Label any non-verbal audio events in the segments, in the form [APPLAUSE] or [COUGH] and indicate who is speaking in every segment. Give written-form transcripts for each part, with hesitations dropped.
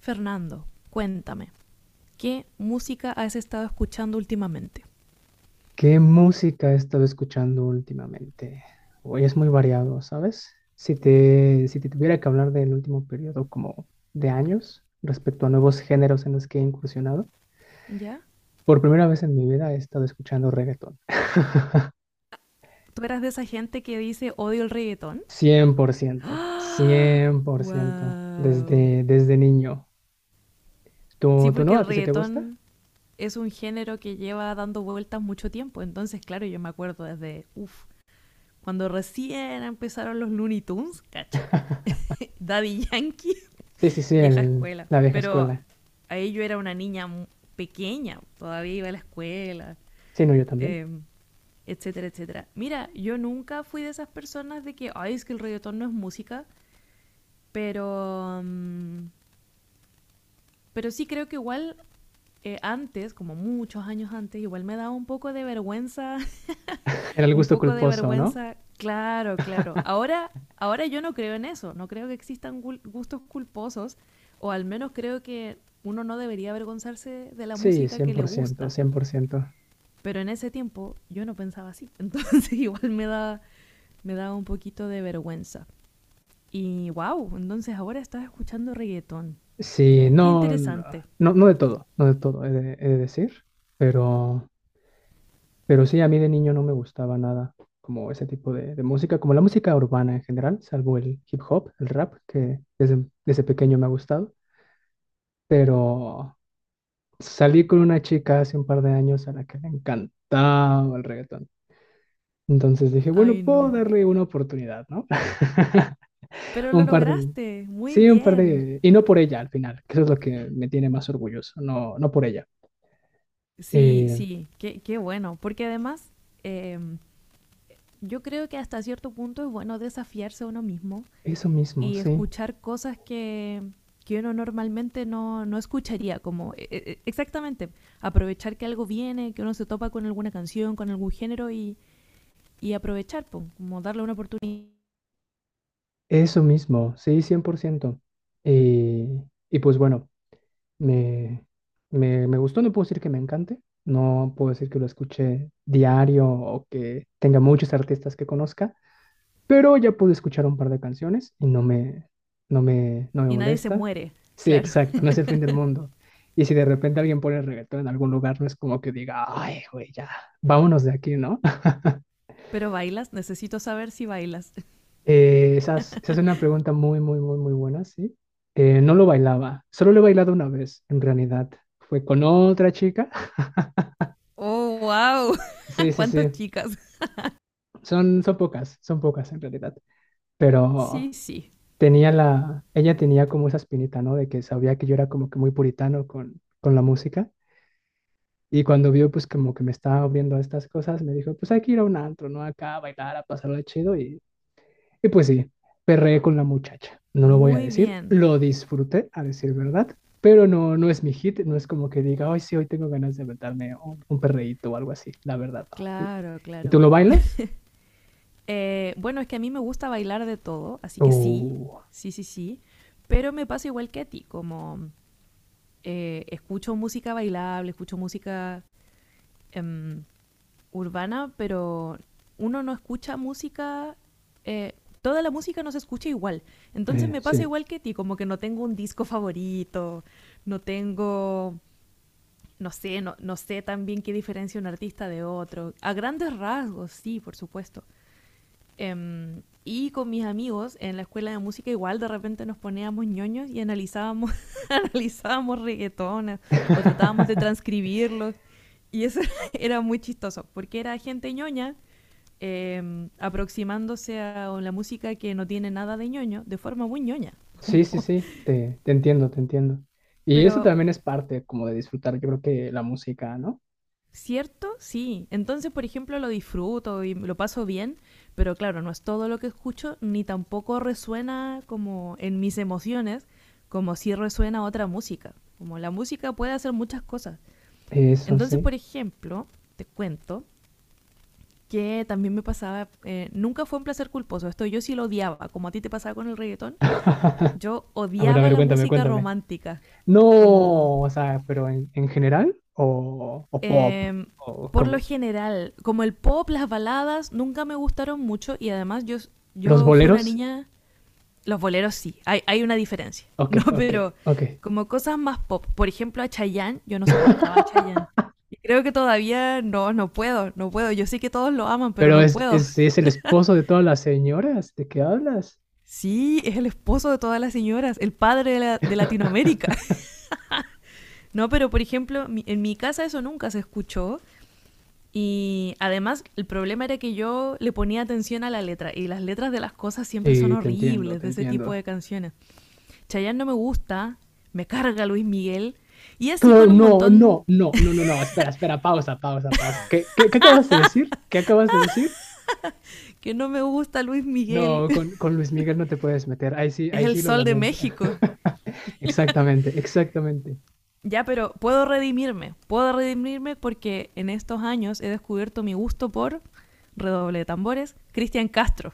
Speaker 1: Fernando, cuéntame, ¿qué música has estado escuchando últimamente?
Speaker 2: ¿Qué música he estado escuchando últimamente? Hoy es muy variado, ¿sabes? Si te tuviera que hablar del último periodo como de años respecto a nuevos géneros en los que he incursionado,
Speaker 1: ¿Ya?
Speaker 2: por primera vez en mi vida he estado escuchando reggaetón.
Speaker 1: ¿Tú eras de esa gente que dice odio el reggaetón?
Speaker 2: Cien por
Speaker 1: [GASPS]
Speaker 2: ciento.
Speaker 1: ¡Ah!
Speaker 2: Cien por ciento,
Speaker 1: ¡Wow!
Speaker 2: desde niño.
Speaker 1: Sí,
Speaker 2: ¿Tú
Speaker 1: porque
Speaker 2: no? ¿A
Speaker 1: el
Speaker 2: ti sí te gusta?
Speaker 1: reggaetón es un género que lleva dando vueltas mucho tiempo. Entonces, claro, yo me acuerdo desde, uff, cuando recién empezaron los Looney Tunes, cacha.
Speaker 2: [LAUGHS]
Speaker 1: Daddy Yankee,
Speaker 2: Sí, sí, sí,
Speaker 1: [LAUGHS] vieja escuela.
Speaker 2: la vieja
Speaker 1: Pero
Speaker 2: escuela.
Speaker 1: ahí yo era una niña pequeña, todavía iba a la escuela.
Speaker 2: Sí, no, yo también.
Speaker 1: eh, Etcétera, etcétera. Mira, yo nunca fui de esas personas de que, ay, es que el reggaetón no es música, pero, mm, pero sí creo que igual antes, como muchos años antes, igual me daba un poco de vergüenza,
Speaker 2: Era
Speaker 1: [LAUGHS]
Speaker 2: el
Speaker 1: un
Speaker 2: gusto
Speaker 1: poco de
Speaker 2: culposo, ¿no?
Speaker 1: vergüenza, claro, claro. Ahora, yo no creo en eso, no creo que existan gustos culposos, o al menos creo que uno no debería avergonzarse de la
Speaker 2: Sí, cien
Speaker 1: música
Speaker 2: cien
Speaker 1: que le
Speaker 2: por ciento
Speaker 1: gusta.
Speaker 2: cien por ciento.
Speaker 1: Pero en ese tiempo yo no pensaba así, [LAUGHS] entonces igual me daba un poquito de vergüenza. Y wow, entonces ahora estás escuchando reggaetón.
Speaker 2: Sí,
Speaker 1: Qué
Speaker 2: no, no,
Speaker 1: interesante.
Speaker 2: no de todo, no de todo, he de decir, pero... Pero sí, a mí de niño no me gustaba nada como ese tipo de música, como la música urbana en general, salvo el hip hop, el rap, que desde pequeño me ha gustado. Pero salí con una chica hace un par de años a la que le encantaba el reggaetón. Entonces dije, bueno,
Speaker 1: Ay,
Speaker 2: puedo
Speaker 1: no.
Speaker 2: darle una oportunidad, ¿no? [LAUGHS]
Speaker 1: Pero lo
Speaker 2: Un par de...
Speaker 1: lograste, muy
Speaker 2: Sí, un par
Speaker 1: bien.
Speaker 2: de... Y no por ella al final, que eso es lo que me tiene más orgulloso, no, no por ella.
Speaker 1: Sí,
Speaker 2: Eh,
Speaker 1: sí, qué bueno. Porque además, eh, yo creo que hasta cierto punto es bueno desafiarse a uno mismo
Speaker 2: Eso mismo,
Speaker 1: y
Speaker 2: sí.
Speaker 1: escuchar cosas que uno normalmente no escucharía, como exactamente, aprovechar que algo viene, que uno se topa con alguna canción, con algún género y aprovechar, po, como darle una oportunidad
Speaker 2: Eso mismo, sí, 100%. Y, y pues bueno, me, me gustó, no puedo decir que me encante, no puedo decir que lo escuché diario o que tenga muchos artistas que conozca, pero ya pude escuchar un par de canciones y no me, no me
Speaker 1: y nadie se
Speaker 2: molesta.
Speaker 1: muere,
Speaker 2: Sí,
Speaker 1: claro.
Speaker 2: exacto, no
Speaker 1: [LAUGHS]
Speaker 2: es el fin del mundo. Y si de repente alguien pone reggaetón en algún lugar, no es como que diga, ay, güey, ya, vámonos de aquí, ¿no?
Speaker 1: Pero bailas, necesito saber si bailas.
Speaker 2: Esa es una
Speaker 1: [LAUGHS]
Speaker 2: pregunta muy, muy, muy, muy buena, sí. No lo bailaba, solo lo he bailado una vez, en realidad. Fue con otra chica. [LAUGHS]
Speaker 1: Oh, wow.
Speaker 2: Sí,
Speaker 1: [LAUGHS]
Speaker 2: sí,
Speaker 1: ¿Cuántas
Speaker 2: sí.
Speaker 1: chicas?
Speaker 2: Son, son pocas en realidad. Pero
Speaker 1: Sí, sí.
Speaker 2: ella tenía como esa espinita, ¿no? De que sabía que yo era como que muy puritano con la música. Y cuando vio, pues como que me estaba abriendo a estas cosas, me dijo, pues hay que ir a un antro, ¿no? Acá a bailar, a pasarlo de chido. Y pues sí, perreé con la muchacha. No lo voy a
Speaker 1: Muy
Speaker 2: decir,
Speaker 1: bien.
Speaker 2: lo disfruté, a decir verdad, pero no, no es mi hit, no es como que diga, ay, sí, hoy tengo ganas de aventarme un perreíto o algo así, la verdad, no.
Speaker 1: Claro,
Speaker 2: Y
Speaker 1: claro.
Speaker 2: tú lo bailas?
Speaker 1: Bueno, es que a mí me gusta bailar de todo, así que sí,
Speaker 2: Uh,
Speaker 1: sí, sí, sí. Pero me pasa igual que a ti, como escucho música bailable, escucho música em, urbana, pero uno no escucha música, eh, toda la música no se escucha igual. Entonces me pasa
Speaker 2: sí.
Speaker 1: igual que ti, como que no tengo un disco favorito, no tengo, no sé, no sé también qué diferencia un artista de otro. A grandes rasgos, sí, por supuesto. Y con mis amigos en la escuela de música igual de repente nos poníamos ñoños y analizábamos, [LAUGHS] analizábamos reggaetones o tratábamos de
Speaker 2: [LAUGHS]
Speaker 1: transcribirlos. Y eso [LAUGHS] era muy chistoso, porque era gente ñoña aproximándose a la música que no tiene nada de ñoño, de forma muy ñoña.
Speaker 2: Sí, sí, sí,
Speaker 1: [LAUGHS]
Speaker 2: te entiendo, te entiendo. Y eso
Speaker 1: Pero,
Speaker 2: también es parte como de disfrutar, yo creo que la música, ¿no?
Speaker 1: ¿cierto? Sí. Entonces, por ejemplo, lo disfruto y lo paso bien, pero claro, no es todo lo que escucho, ni tampoco resuena como en mis emociones, como si resuena otra música. Como la música puede hacer muchas cosas.
Speaker 2: Eso
Speaker 1: Entonces,
Speaker 2: sí.
Speaker 1: por ejemplo, te cuento que también me pasaba, nunca fue un placer culposo, esto yo sí lo odiaba, como a ti te pasaba con el reggaetón.
Speaker 2: [LAUGHS]
Speaker 1: Yo
Speaker 2: A a
Speaker 1: odiaba
Speaker 2: ver,
Speaker 1: la
Speaker 2: cuéntame,
Speaker 1: música
Speaker 2: cuéntame.
Speaker 1: romántica.
Speaker 2: No,
Speaker 1: Como.
Speaker 2: o sea, pero en general, o pop,
Speaker 1: eh,
Speaker 2: o
Speaker 1: por lo
Speaker 2: como
Speaker 1: general, como el pop, las baladas, nunca me gustaron mucho. Y además, yo,
Speaker 2: los
Speaker 1: yo fui una
Speaker 2: boleros.
Speaker 1: niña. Los boleros sí, hay una diferencia. [LAUGHS]
Speaker 2: Ok,
Speaker 1: No,
Speaker 2: ok,
Speaker 1: pero
Speaker 2: ok.
Speaker 1: como cosas más pop. Por ejemplo, a Chayanne, yo no soportaba a Chayanne.
Speaker 2: [LAUGHS]
Speaker 1: Y creo que todavía no, no puedo, no puedo. Yo sé que todos lo aman, pero
Speaker 2: Pero
Speaker 1: no puedo. [LAUGHS]
Speaker 2: es el esposo de todas las señoras, ¿de qué hablas?
Speaker 1: Sí, es el esposo de todas las señoras, el padre de
Speaker 2: [LAUGHS]
Speaker 1: Latinoamérica. [LAUGHS] No, pero por ejemplo, en mi casa eso nunca se escuchó. Y además el problema era que yo le ponía atención a la letra y las letras de las cosas siempre son
Speaker 2: Sí, te entiendo,
Speaker 1: horribles
Speaker 2: te
Speaker 1: de ese tipo
Speaker 2: entiendo.
Speaker 1: de canciones. Chayanne no me gusta, me carga Luis Miguel y así
Speaker 2: No,
Speaker 1: con un
Speaker 2: no,
Speaker 1: montón
Speaker 2: no, no, no, no, no, espera, espera, pausa, pausa, pausa. Qué acabas de decir? ¿Qué acabas de decir?
Speaker 1: que no me gusta Luis Miguel.
Speaker 2: No, con Luis Miguel no te puedes meter,
Speaker 1: [LAUGHS] Es
Speaker 2: ahí
Speaker 1: el
Speaker 2: sí lo
Speaker 1: sol de
Speaker 2: lamento.
Speaker 1: México.
Speaker 2: [LAUGHS] Exactamente, exactamente.
Speaker 1: Ya, pero puedo redimirme porque en estos años he descubierto mi gusto por redoble de tambores, Cristian Castro.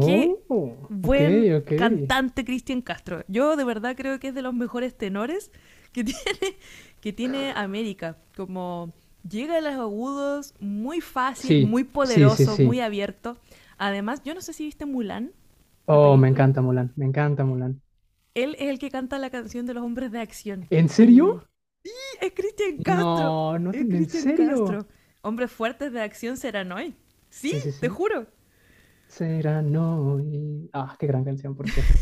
Speaker 1: Qué
Speaker 2: ok,
Speaker 1: buen
Speaker 2: ok.
Speaker 1: cantante Cristian Castro. Yo de verdad creo que es de los mejores tenores que [LAUGHS] tiene, que tiene América. Como llega a los agudos muy fácil,
Speaker 2: Sí,
Speaker 1: muy
Speaker 2: sí, sí,
Speaker 1: poderoso, muy
Speaker 2: sí.
Speaker 1: abierto. Además, yo no sé si viste Mulan, la
Speaker 2: Oh, me
Speaker 1: película.
Speaker 2: encanta Mulan, me encanta Mulan.
Speaker 1: Él es el que canta la canción de los hombres de acción.
Speaker 2: ¿En
Speaker 1: Y
Speaker 2: serio?
Speaker 1: es Cristian Castro.
Speaker 2: No, no te,
Speaker 1: Es
Speaker 2: ¿en
Speaker 1: Cristian
Speaker 2: serio?
Speaker 1: Castro. Hombres fuertes de acción serán hoy. Sí,
Speaker 2: Sí, sí,
Speaker 1: te
Speaker 2: sí.
Speaker 1: juro.
Speaker 2: Será no y... Ah, qué gran canción, por cierto.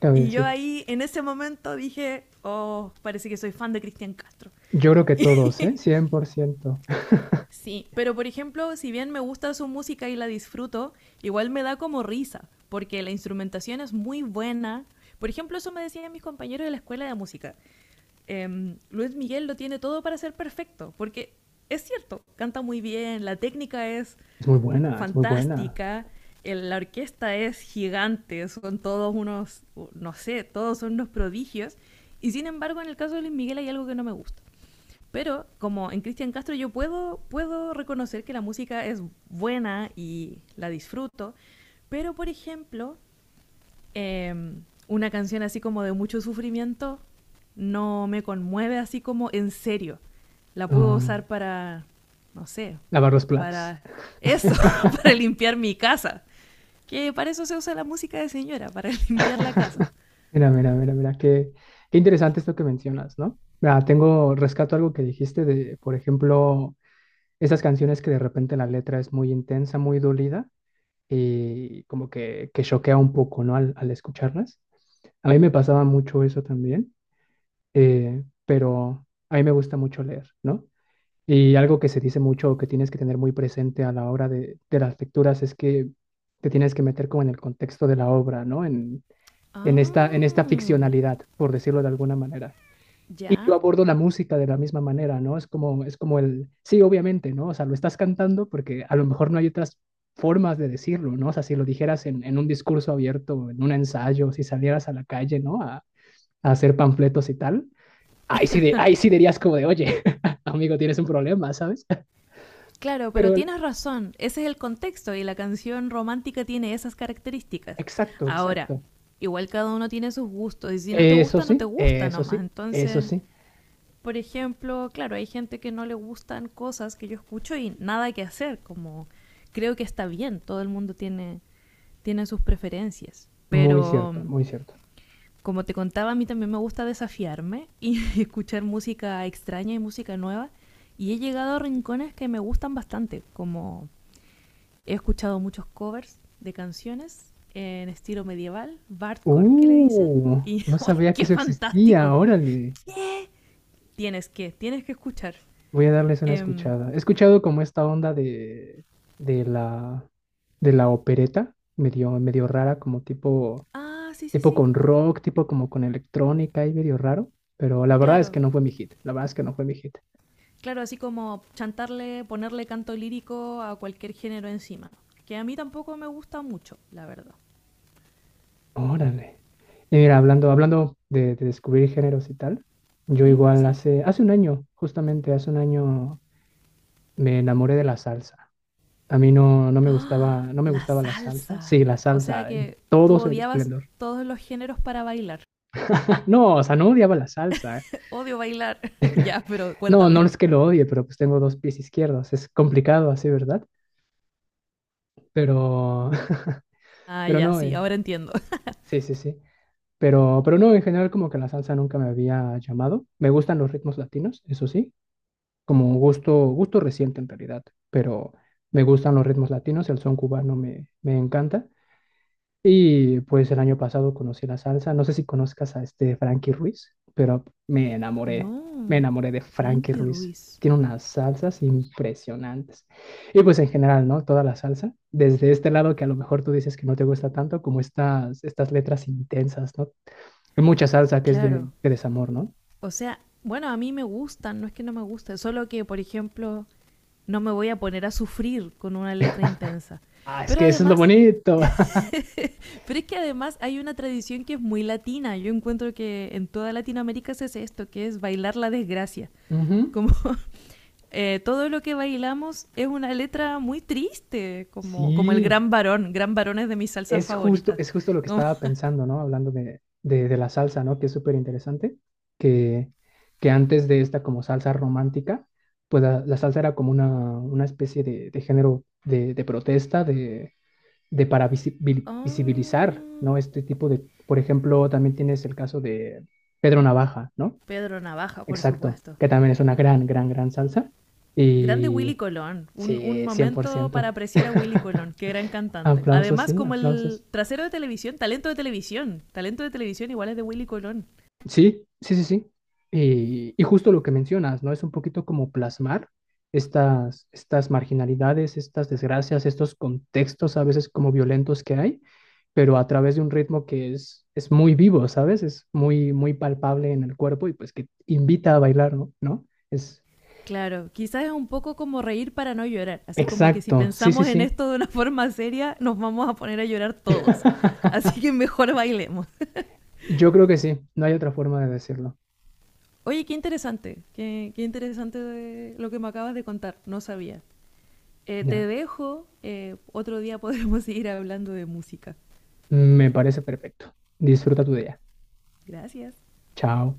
Speaker 2: Cabe
Speaker 1: Y yo
Speaker 2: decir.
Speaker 1: ahí, en ese momento, dije, oh, parece que soy fan de Cristian Castro.
Speaker 2: Yo creo que todos, ¿eh? Cien por ciento. [LAUGHS]
Speaker 1: Sí, pero por ejemplo, si bien me gusta su música y la disfruto, igual me da como risa, porque la instrumentación es muy buena. Por ejemplo, eso me decían mis compañeros de la escuela de música. Luis Miguel lo tiene todo para ser perfecto, porque es cierto, canta muy bien, la técnica es
Speaker 2: Es muy buena, es muy buena.
Speaker 1: fantástica. La orquesta es gigante, son todos unos, no sé, todos son unos prodigios. Y sin embargo, en el caso de Luis Miguel hay algo que no me gusta. Pero como en Cristian Castro yo puedo reconocer que la música es buena y la disfruto. Pero, por ejemplo, eh, una canción así como de mucho sufrimiento no me conmueve así como en serio. La puedo
Speaker 2: Ah,
Speaker 1: usar para, no sé,
Speaker 2: lavar los platos.
Speaker 1: para eso, [LAUGHS] para
Speaker 2: [LAUGHS]
Speaker 1: limpiar mi casa. Que para eso se usa la música de señora, para [LAUGHS] limpiar la casa.
Speaker 2: Mira, mira, mira, mira, qué interesante esto que mencionas, ¿no? Mira, tengo, rescato algo que dijiste de, por ejemplo, esas canciones que de repente la letra es muy intensa, muy dolida y como que choquea un poco, ¿no? Al escucharlas. A mí me pasaba mucho eso también, pero a mí me gusta mucho leer, ¿no? Y algo que se dice mucho, que tienes que tener muy presente a la hora de las lecturas, es que te tienes que meter como en el contexto de la obra, ¿no? En esta
Speaker 1: Ah,
Speaker 2: ficcionalidad, por decirlo de alguna manera. Y yo
Speaker 1: ya.
Speaker 2: abordo la música de la misma manera, ¿no? Es como el, sí, obviamente, ¿no? O sea, lo estás cantando porque a lo mejor no hay otras formas de decirlo, ¿no? O sea, si lo dijeras en un discurso abierto, en un ensayo, si salieras a la calle, ¿no? A hacer panfletos y tal, ahí sí, de, ahí sí dirías como de, oye, [LAUGHS] amigo, tienes un problema, ¿sabes?
Speaker 1: Claro,
Speaker 2: Pero
Speaker 1: pero tienes razón, ese es el contexto y la canción romántica tiene esas características.
Speaker 2: exacto,
Speaker 1: Ahora,
Speaker 2: exacto.
Speaker 1: igual cada uno tiene sus gustos y si no te
Speaker 2: Eso
Speaker 1: gusta, no te
Speaker 2: sí,
Speaker 1: gusta
Speaker 2: eso
Speaker 1: nomás,
Speaker 2: sí, eso
Speaker 1: entonces
Speaker 2: sí.
Speaker 1: por ejemplo, claro, hay gente que no le gustan cosas que yo escucho y nada que hacer, como creo que está bien, todo el mundo tiene, sus preferencias,
Speaker 2: Muy
Speaker 1: pero
Speaker 2: cierto, muy cierto.
Speaker 1: como te contaba, a mí también me gusta desafiarme y [LAUGHS] escuchar música extraña y música nueva, y he llegado a rincones que me gustan bastante, como he escuchado muchos covers de canciones en estilo medieval, bardcore que le dicen, y
Speaker 2: No
Speaker 1: [LAUGHS] ¡ay,
Speaker 2: sabía que
Speaker 1: qué
Speaker 2: eso existía.
Speaker 1: fantástico!
Speaker 2: Órale,
Speaker 1: Tienes que escuchar.
Speaker 2: voy a darles una
Speaker 1: Em,
Speaker 2: escuchada. He escuchado como esta onda de, de la, de la opereta, medio, medio rara, como tipo,
Speaker 1: Ah, sí, sí,
Speaker 2: tipo
Speaker 1: sí.
Speaker 2: con rock, tipo como con electrónica y medio raro. Pero la verdad es
Speaker 1: Claro,
Speaker 2: que no fue mi hit. La verdad es que no fue mi hit.
Speaker 1: claro, así como chantarle, ponerle canto lírico a cualquier género encima. Que a mí tampoco me gusta mucho, la verdad.
Speaker 2: Órale. Y mira, hablando, hablando de descubrir géneros y tal, yo
Speaker 1: ¿Mm?
Speaker 2: igual
Speaker 1: Sí.
Speaker 2: hace, hace un año, justamente hace un año, me enamoré de la salsa. A mí no,
Speaker 1: ¡Ah!
Speaker 2: no me
Speaker 1: La
Speaker 2: gustaba la salsa.
Speaker 1: salsa.
Speaker 2: Sí, la
Speaker 1: O sea
Speaker 2: salsa, en
Speaker 1: que tú
Speaker 2: todo su
Speaker 1: odiabas
Speaker 2: esplendor.
Speaker 1: todos los géneros para bailar.
Speaker 2: [LAUGHS] No, o sea, no odiaba la salsa. ¿Eh?
Speaker 1: Odio bailar. [LAUGHS] Ya, pero
Speaker 2: No,
Speaker 1: cuéntame.
Speaker 2: no es que lo odie, pero pues tengo dos pies izquierdos. Es complicado así, ¿verdad? Pero, [LAUGHS]
Speaker 1: Ah,
Speaker 2: pero
Speaker 1: ya,
Speaker 2: no,
Speaker 1: sí, ahora entiendo. [LAUGHS]
Speaker 2: sí, sí, sí. Pero no, en general como que la salsa nunca me había llamado. Me gustan los ritmos latinos, eso sí, como un gusto, gusto reciente en realidad, pero me gustan los ritmos latinos, el son cubano me encanta. Y pues el año pasado conocí la salsa, no sé si conozcas a este Frankie Ruiz, pero me
Speaker 1: No,
Speaker 2: enamoré de Frankie
Speaker 1: Frankie
Speaker 2: Ruiz.
Speaker 1: Ruiz.
Speaker 2: Tiene unas salsas impresionantes. Y pues en general, ¿no? Toda la salsa, desde este lado que a lo mejor tú dices que no te gusta tanto, como estas, estas letras intensas, ¿no? Hay mucha salsa que es
Speaker 1: Claro.
Speaker 2: de desamor, ¿no?
Speaker 1: O sea, bueno, a mí me gustan, no es que no me guste, solo que, por ejemplo, no me voy a poner a sufrir con una letra intensa.
Speaker 2: Ah, es
Speaker 1: Pero
Speaker 2: que eso es lo
Speaker 1: además,
Speaker 2: bonito. [LAUGHS]
Speaker 1: pero es que además hay una tradición que es muy latina. Yo encuentro que en toda Latinoamérica se hace esto, que es bailar la desgracia.
Speaker 2: Ujú.
Speaker 1: Como [LAUGHS] todo lo que bailamos es una letra muy triste, como el
Speaker 2: Sí.
Speaker 1: gran varón. Gran varón es de mis salsas favoritas.
Speaker 2: Es justo lo que
Speaker 1: Como,
Speaker 2: estaba pensando, ¿no? Hablando de la salsa, ¿no? Que es súper interesante, que, que antes de esta como salsa romántica, pues la salsa era como una especie de género de protesta, de para
Speaker 1: [LAUGHS]
Speaker 2: visibilizar,
Speaker 1: oh,
Speaker 2: ¿no? Este tipo de, por ejemplo, también tienes el caso de Pedro Navaja, ¿no?
Speaker 1: Pedro Navaja, por
Speaker 2: Exacto,
Speaker 1: supuesto.
Speaker 2: que también es una gran, gran, gran salsa.
Speaker 1: Grande
Speaker 2: Y
Speaker 1: Willy Colón, un
Speaker 2: sí, cien por
Speaker 1: momento para
Speaker 2: ciento.
Speaker 1: apreciar a Willy Colón,
Speaker 2: [LAUGHS]
Speaker 1: qué gran cantante. Además, como el
Speaker 2: Aplausos.
Speaker 1: trasero de televisión, talento de televisión, talento de televisión igual es de Willy Colón.
Speaker 2: Sí, sí, sí, sí. Y justo lo que mencionas, ¿no? Es un poquito como plasmar estas, estas marginalidades, estas desgracias, estos contextos a veces como violentos que hay, pero a través de un ritmo que es muy vivo, ¿sabes? Es muy, muy palpable en el cuerpo y pues que invita a bailar, ¿no? ¿No? Es
Speaker 1: Claro, quizás es un poco como reír para no llorar, así como que si
Speaker 2: exacto, sí, sí,
Speaker 1: pensamos en
Speaker 2: sí.
Speaker 1: esto de una [LAUGHS] forma seria, nos vamos a poner a llorar todos. Así
Speaker 2: [LAUGHS]
Speaker 1: que mejor bailemos.
Speaker 2: Yo creo que sí, no hay otra forma de decirlo.
Speaker 1: Oye, qué interesante, qué interesante de lo que me acabas de contar, no sabía.
Speaker 2: Ya,
Speaker 1: Te dejo, otro día podremos [LAUGHS] seguir hablando de música.
Speaker 2: me parece perfecto. Disfruta tu día.
Speaker 1: Gracias.
Speaker 2: Chao.